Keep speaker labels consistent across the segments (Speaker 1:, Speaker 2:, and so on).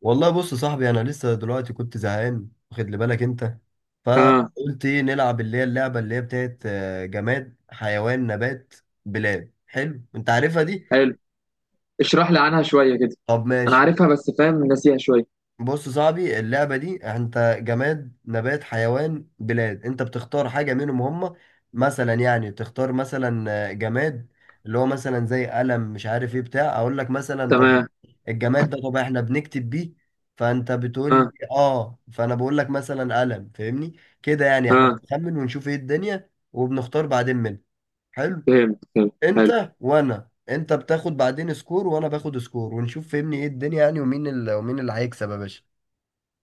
Speaker 1: والله بص يا صاحبي، انا لسه دلوقتي كنت زهقان، واخد لي بالك انت؟
Speaker 2: اه.
Speaker 1: فقلت ايه نلعب اللي هي اللعبه اللي هي بتاعت جماد حيوان نبات بلاد. حلو انت عارفها دي؟
Speaker 2: حلو، اشرح لي عنها شوية كده.
Speaker 1: طب
Speaker 2: انا
Speaker 1: ماشي.
Speaker 2: عارفها بس ناسيها شوية.
Speaker 1: بص يا صاحبي، اللعبة دي انت جماد نبات حيوان بلاد، انت بتختار حاجة منهم هم. مثلا يعني تختار مثلا جماد اللي هو مثلا زي قلم، مش عارف ايه، بتاع اقول لك مثلا. طب
Speaker 2: تمام.
Speaker 1: الجماد ده طب احنا بنكتب بيه، فانت بتقول لي
Speaker 2: اه
Speaker 1: اه، فانا بقول لك مثلا قلم، فاهمني؟ كده يعني احنا
Speaker 2: اه،
Speaker 1: بنخمن ونشوف ايه الدنيا وبنختار بعدين منه. حلو.
Speaker 2: فهمت حلو.
Speaker 1: انت وانا، انت بتاخد بعدين سكور وانا باخد سكور، ونشوف فهمني ايه الدنيا يعني، ومين اللي ومين اللي هيكسب يا باشا.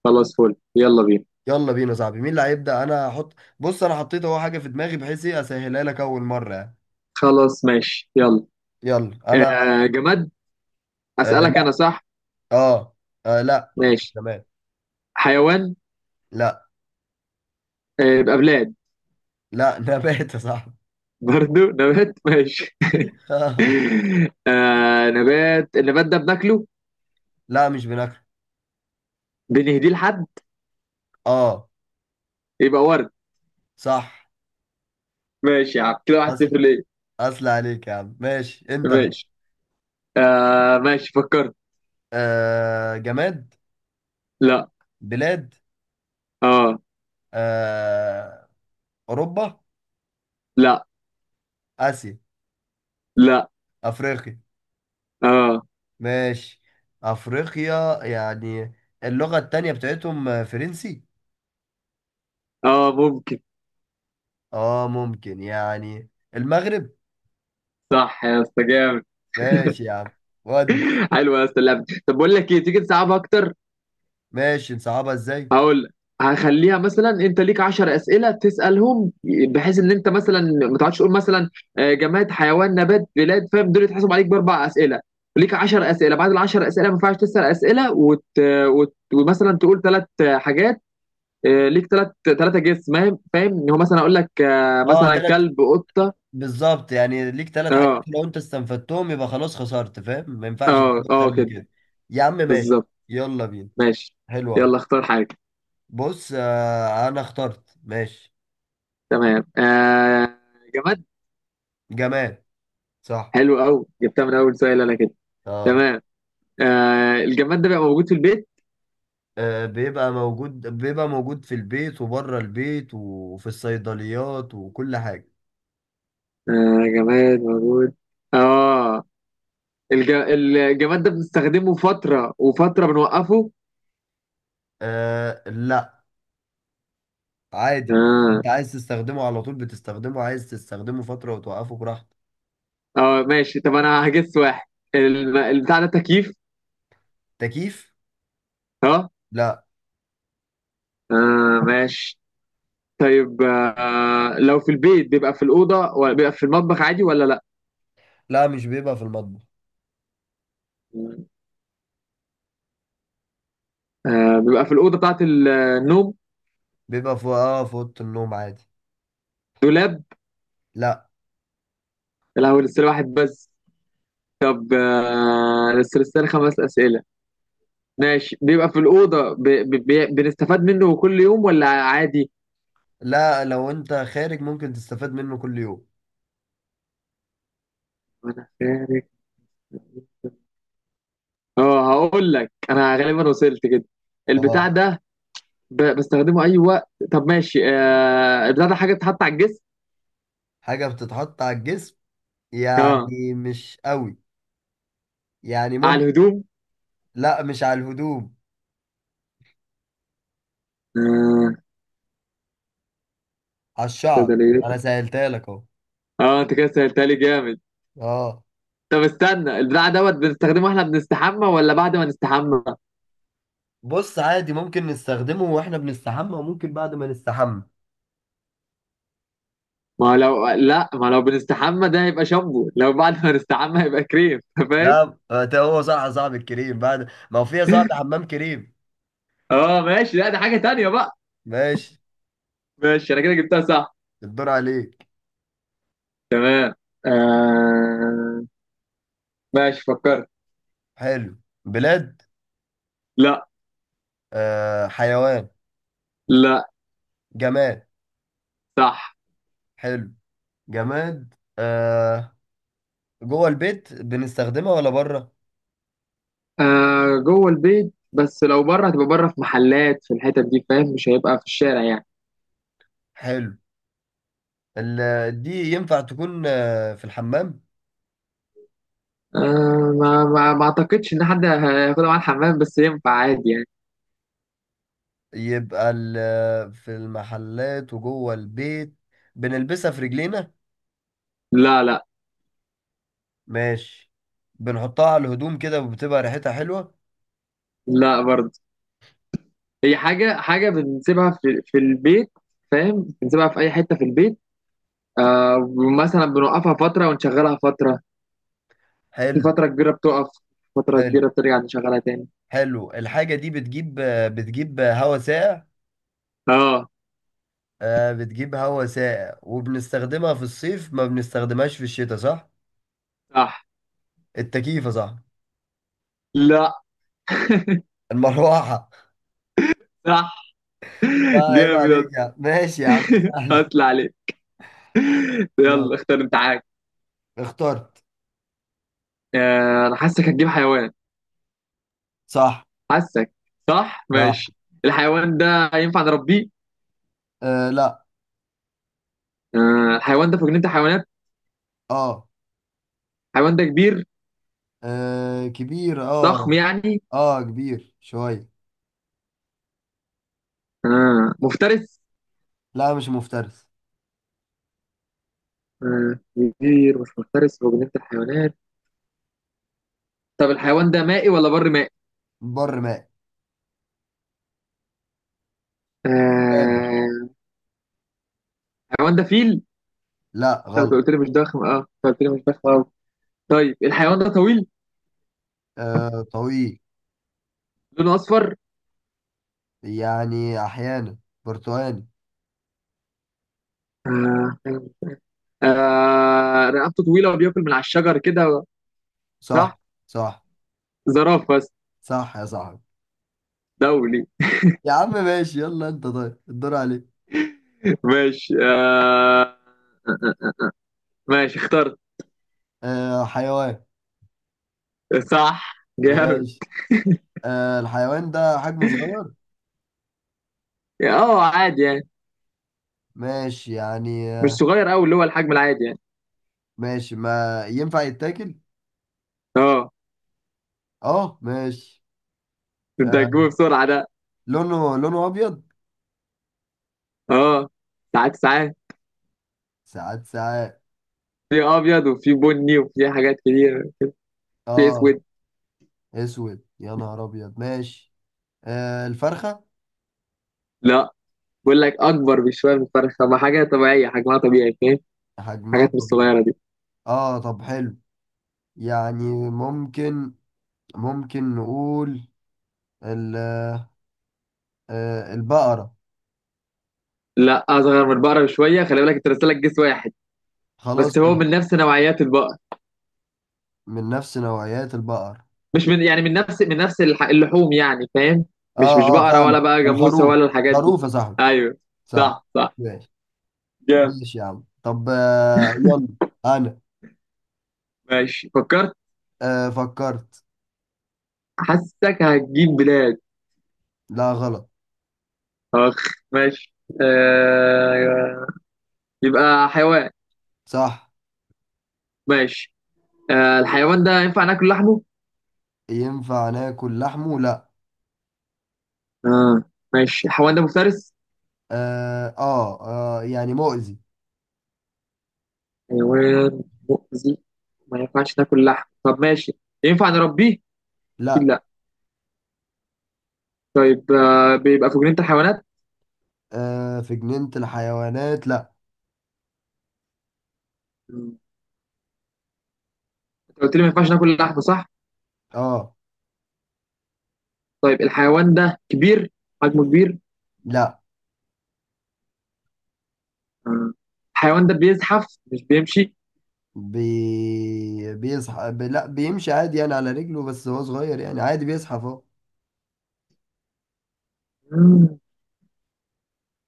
Speaker 2: خلاص فل، يلا بينا.
Speaker 1: يلا بينا يا صاحبي، مين اللي هيبدأ؟ انا هحط. بص انا حطيت اهو حاجة في دماغي، بحيث ايه اسهلها لك اول مرة يعني.
Speaker 2: خلاص ماشي يلا.
Speaker 1: يلا انا.
Speaker 2: آه جماد،
Speaker 1: آه
Speaker 2: اسألك انا
Speaker 1: لا.
Speaker 2: صح؟
Speaker 1: اه, آه لا.
Speaker 2: ماشي.
Speaker 1: نبات.
Speaker 2: حيوان.
Speaker 1: لا.
Speaker 2: آه يبقى بلاد.
Speaker 1: لا، نبات يا صاحبي.
Speaker 2: برضو نبات، ماشي. آه نبات، النبات ده بناكله؟
Speaker 1: لا مش بناكل.
Speaker 2: بنهديه لحد؟
Speaker 1: اه.
Speaker 2: يبقى ورد.
Speaker 1: صح.
Speaker 2: ماشي يا عم، كده واحد
Speaker 1: اصل،
Speaker 2: صفر ليه.
Speaker 1: اصل عليك يا عم. ماشي انت بقى.
Speaker 2: ماشي آه، ماشي فكرت.
Speaker 1: آه جماد.
Speaker 2: لا.
Speaker 1: بلاد.
Speaker 2: اه.
Speaker 1: آه. اوروبا.
Speaker 2: لا.
Speaker 1: اسيا.
Speaker 2: لا.
Speaker 1: افريقيا.
Speaker 2: اه.
Speaker 1: ماشي. افريقيا يعني، اللغة التانية بتاعتهم فرنسي.
Speaker 2: اه ممكن.
Speaker 1: اه ممكن يعني. المغرب.
Speaker 2: صح يا اسطى، جامد.
Speaker 1: ماشي يا عم. ود.
Speaker 2: حلو يا اسطى اللعبه، طب بقول لك ايه، تيجي تصعب اكتر؟
Speaker 1: ماشي نصعبها ازاي؟
Speaker 2: هقول لك. هخليها مثلا، انت ليك 10 اسئله تسالهم، بحيث ان انت مثلا ما تقعدش تقول مثلا آه، جماد حيوان نبات بلاد، فاهم؟ دول يتحسب عليك باربع اسئله. ليك 10 اسئله، بعد ال 10 اسئله ما ينفعش تسال اسئله ومثلا تقول ثلاث حاجات. آه، ليك ثلاث جيس، فاهم ان هو مثلا اقول لك آه،
Speaker 1: اه
Speaker 2: مثلا
Speaker 1: تلات.
Speaker 2: كلب قطه.
Speaker 1: بالظبط، يعني ليك تلات حاجات،
Speaker 2: اه.
Speaker 1: لو انت استنفدتهم يبقى خلاص خسرت، فاهم؟ ما ينفعش
Speaker 2: اه
Speaker 1: تجيب اكتر
Speaker 2: اه
Speaker 1: من
Speaker 2: كده.
Speaker 1: كده. يا عم ماشي،
Speaker 2: بالظبط.
Speaker 1: يلا بينا.
Speaker 2: ماشي،
Speaker 1: حلو
Speaker 2: يلا
Speaker 1: قوي.
Speaker 2: اختار حاجه.
Speaker 1: بص آه انا اخترت ماشي.
Speaker 2: تمام آه. جماد.
Speaker 1: جماد. صح.
Speaker 2: حلو قوي، جبتها من اول سؤال انا كده.
Speaker 1: اه.
Speaker 2: تمام. آه الجماد ده بيبقى موجود في البيت؟
Speaker 1: آه، بيبقى موجود، بيبقى موجود في البيت وبره البيت وفي الصيدليات وكل حاجة.
Speaker 2: آه جماد موجود. اه الجماد ده بنستخدمه فترة وفترة بنوقفه؟
Speaker 1: آه لا. عادي،
Speaker 2: اه.
Speaker 1: انت عايز تستخدمه على طول بتستخدمه، عايز تستخدمه فترة وتوقفه براحتك.
Speaker 2: اه ماشي، طب انا هجس واحد. البتاع ده تكييف؟
Speaker 1: تكييف؟
Speaker 2: اه.
Speaker 1: لا.
Speaker 2: اه ماشي. طيب آه، لو في البيت بيبقى في الأوضة ولا بيبقى في المطبخ عادي ولا لا؟
Speaker 1: لا مش بيبقى في المطبخ.
Speaker 2: آه بيبقى في الأوضة بتاعت النوم.
Speaker 1: بيبقى في في أوضة النوم عادي.
Speaker 2: دولاب؟
Speaker 1: لا.
Speaker 2: لا، هو لسه واحد بس. طب آه، بس لسه لي خمس أسئلة. ماشي، بيبقى في الأوضة بنستفاد منه كل يوم ولا عادي؟
Speaker 1: لا لو انت خارج ممكن تستفاد منه كل يوم.
Speaker 2: ما أنا خارج. اه هقول لك أنا غالبا وصلت كده. البتاع
Speaker 1: اه.
Speaker 2: ده بستخدمه أي وقت. طب ماشي آه... البتاع ده حاجة بتتحط على الجسم؟
Speaker 1: حاجة بتتحط على الجسم،
Speaker 2: اه
Speaker 1: يعني مش قوي، يعني
Speaker 2: على
Speaker 1: ممكن.
Speaker 2: الهدوم؟
Speaker 1: لا مش على الهدوم.
Speaker 2: اه،
Speaker 1: على الشعر.
Speaker 2: صيدليات؟
Speaker 1: انا سهلتها لك اهو.
Speaker 2: اه انت كده سألتها لي جامد.
Speaker 1: اه.
Speaker 2: طب استنى، البتاع دوت بنستخدمه احنا بنستحمى ولا بعد ما نستحمى؟
Speaker 1: بص عادي، ممكن نستخدمه واحنا بنستحمى وممكن بعد ما نستحمى.
Speaker 2: ما هو لو لا، ما لو بنستحمى ده هيبقى شامبو، لو بعد ما نستحمى هيبقى كريم، فاهم؟
Speaker 1: لا، ده هو صح صاحب الكريم، بعد ما هو فيها صاحب حمام كريم.
Speaker 2: اه ماشي، لا ده حاجة تانية بقى.
Speaker 1: ماشي.
Speaker 2: ماشي انا كده جبتها صح.
Speaker 1: الدور عليك.
Speaker 2: تمام آه... ماشي فكرت.
Speaker 1: حلو. بلاد.
Speaker 2: لا.
Speaker 1: آه حيوان.
Speaker 2: لا.
Speaker 1: جماد.
Speaker 2: صح.
Speaker 1: حلو. جماد. آه. جوه البيت بنستخدمها ولا بره؟
Speaker 2: آه... جوه البيت، بس لو بره هتبقى بره في محلات، في الحتت دي، فاهم؟ مش هيبقى في الشارع يعني.
Speaker 1: حلو. دي ينفع تكون آه في الحمام؟
Speaker 2: آه... ما اعتقدش ان حد هياخدها معاه الحمام، بس ينفع عادي يعني.
Speaker 1: يبقى في المحلات وجوه البيت. بنلبسها في رجلينا؟
Speaker 2: لا. لا.
Speaker 1: ماشي. بنحطها على الهدوم كده وبتبقى ريحتها حلوة؟
Speaker 2: لا برضه. هي حاجة بنسيبها في البيت، فاهم؟ بنسيبها في اي حتة في البيت. آه، مثلا بنوقفها فترة ونشغلها فترة. في
Speaker 1: حلو.
Speaker 2: فترة كبيرة بتقف، فترة
Speaker 1: حلو.
Speaker 2: كبيرة بترجع نشغلها تاني.
Speaker 1: حلو الحاجة دي. بتجيب هواء ساقع.
Speaker 2: اه.
Speaker 1: آه، بتجيب هواء ساقع وبنستخدمها في الصيف ما بنستخدمهاش في الشتاء، صح؟
Speaker 2: صح.
Speaker 1: التكييف صح؟
Speaker 2: لا.
Speaker 1: المروحة.
Speaker 2: صح.
Speaker 1: طيب عيب
Speaker 2: جامد يا
Speaker 1: عليك يا
Speaker 2: اسطى.
Speaker 1: عم. ماشي يا عم سهل.
Speaker 2: اصل عليك.
Speaker 1: ماشي.
Speaker 2: يلا اختار انت حاجة.
Speaker 1: اخترت.
Speaker 2: آه انا حاسك هتجيب حيوان.
Speaker 1: صح.
Speaker 2: حاسك. صح
Speaker 1: صح.
Speaker 2: ماشي. الحيوان ده ينفع نربيه؟
Speaker 1: آه لا.
Speaker 2: آه الحيوان ده في جنينة الحيوانات؟
Speaker 1: اه,
Speaker 2: الحيوان ده كبير،
Speaker 1: آه كبير اه.
Speaker 2: ضخم يعني؟
Speaker 1: اه كبير شوية.
Speaker 2: آه مفترس؟
Speaker 1: لا مش مفترس.
Speaker 2: آه، كبير مش مفترس في جنينة الحيوانات. طب الحيوان ده مائي ولا بر مائي؟
Speaker 1: بر ماء. غابة.
Speaker 2: آه. الحيوان ده فيل؟
Speaker 1: لا
Speaker 2: لو
Speaker 1: غلط.
Speaker 2: قلت لي مش ضخم، اه أنت قلت لي مش ضخم اه. طيب الحيوان ده طويل؟
Speaker 1: آه طويل.
Speaker 2: لونه اصفر؟
Speaker 1: يعني أحيانا. برتقالي.
Speaker 2: آه. آه. رقبته طويله وبياكل من على الشجر كده؟
Speaker 1: صح.
Speaker 2: صح.
Speaker 1: صح.
Speaker 2: زرافه بس.
Speaker 1: صح يا صاحبي.
Speaker 2: دولي.
Speaker 1: يا عم ماشي، يلا انت طيب الدور عليك.
Speaker 2: ماشي آه. ماشي اخترت.
Speaker 1: آه حيوان.
Speaker 2: صح جامد.
Speaker 1: ماشي. آه الحيوان ده حجمه صغير.
Speaker 2: اه عادي يعني،
Speaker 1: ماشي يعني
Speaker 2: مش
Speaker 1: آه.
Speaker 2: صغير قوي، اللي هو الحجم العادي يعني.
Speaker 1: ماشي ما ينفع يتاكل.
Speaker 2: اه.
Speaker 1: اه ماشي.
Speaker 2: انت هتجيبه
Speaker 1: آه
Speaker 2: بسرعه ده.
Speaker 1: لونه، ابيض.
Speaker 2: اه، ساعات.
Speaker 1: ساعات ساعات.
Speaker 2: في ابيض وفي بني وفي حاجات كتير. في
Speaker 1: اه.
Speaker 2: اسود.
Speaker 1: اسود؟ يا نهار ابيض. ماشي. آه الفرخة.
Speaker 2: لا، بقول لك اكبر بشويه من الفرخه، طب حاجه طبيعيه حجمها طبيعي، فاهم؟
Speaker 1: حجمها
Speaker 2: الحاجات مش
Speaker 1: طبيعي.
Speaker 2: الصغيره دي.
Speaker 1: اه طب حلو. يعني ممكن، ممكن نقول ال- آه آه، البقرة.
Speaker 2: لا اصغر من البقره بشويه، خلي بالك انت راسلك جسم واحد
Speaker 1: خلاص.
Speaker 2: بس، هو من نفس نوعيات البقر.
Speaker 1: من نفس نوعيات البقر.
Speaker 2: مش من، يعني من نفس اللحوم يعني، فاهم؟ مش
Speaker 1: اه اه
Speaker 2: بقره ولا
Speaker 1: فاهمة.
Speaker 2: بقى جاموسه
Speaker 1: الخروف.
Speaker 2: ولا الحاجات دي.
Speaker 1: خروف يا صاحبي.
Speaker 2: ايوه.
Speaker 1: صح.
Speaker 2: صح. صح
Speaker 1: ماشي.
Speaker 2: جامد.
Speaker 1: ماشي يا عم. طب آه يلا. انا.
Speaker 2: ماشي فكرت.
Speaker 1: آه فكرت.
Speaker 2: حاسسك هتجيب بلاد.
Speaker 1: لا غلط.
Speaker 2: اخ. ماشي آه... يبقى حيوان.
Speaker 1: صح.
Speaker 2: ماشي. آه الحيوان ده ينفع ناكل لحمه؟
Speaker 1: ينفع ناكل لحمه لا.
Speaker 2: اه ماشي، الحيوان ده مفترس؟
Speaker 1: اه. اه يعني مؤذي.
Speaker 2: حيوان مؤذي، ما ينفعش تاكل لحم. طب ماشي، ينفع نربيه؟ اكيد
Speaker 1: لا.
Speaker 2: لا. طيب آه، بيبقى في جنينة الحيوانات؟
Speaker 1: آه في جنينة الحيوانات لا.
Speaker 2: مم. انت قلت لي ما ينفعش ناكل لحم صح؟
Speaker 1: اه.
Speaker 2: طيب الحيوان ده كبير؟ حجمه كبير؟
Speaker 1: لا.
Speaker 2: آه. الحيوان ده بيزحف مش بيمشي؟
Speaker 1: بيصحى لا بيمشي عادي يعني على رجله، بس هو صغير يعني عادي بيزحف اهو.
Speaker 2: مم.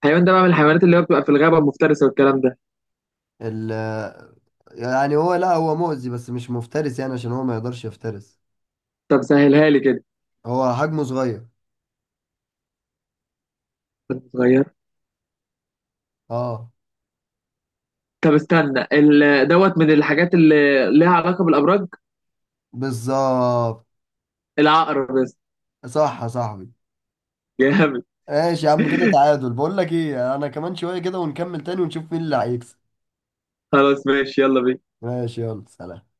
Speaker 2: الحيوان ده بقى من الحيوانات اللي هو بتبقى في الغابة المفترسة والكلام ده؟
Speaker 1: ال يعني هو لا هو مؤذي بس مش مفترس، يعني عشان هو ما يقدرش يفترس.
Speaker 2: طب سهلها لي كده.
Speaker 1: هو حجمه صغير.
Speaker 2: كان صغير.
Speaker 1: اه.
Speaker 2: طب استنى، دوت من الحاجات اللي ليها علاقة بالأبراج.
Speaker 1: بالظبط.
Speaker 2: العقرب بس.
Speaker 1: صح يا صاحبي.
Speaker 2: جامد.
Speaker 1: ماشي يا عم، كده تعادل، بقول لك ايه، انا كمان شوية كده ونكمل تاني ونشوف مين اللي هيكسب.
Speaker 2: خلاص ماشي، يلا بينا.
Speaker 1: ماشي. يلا سلام.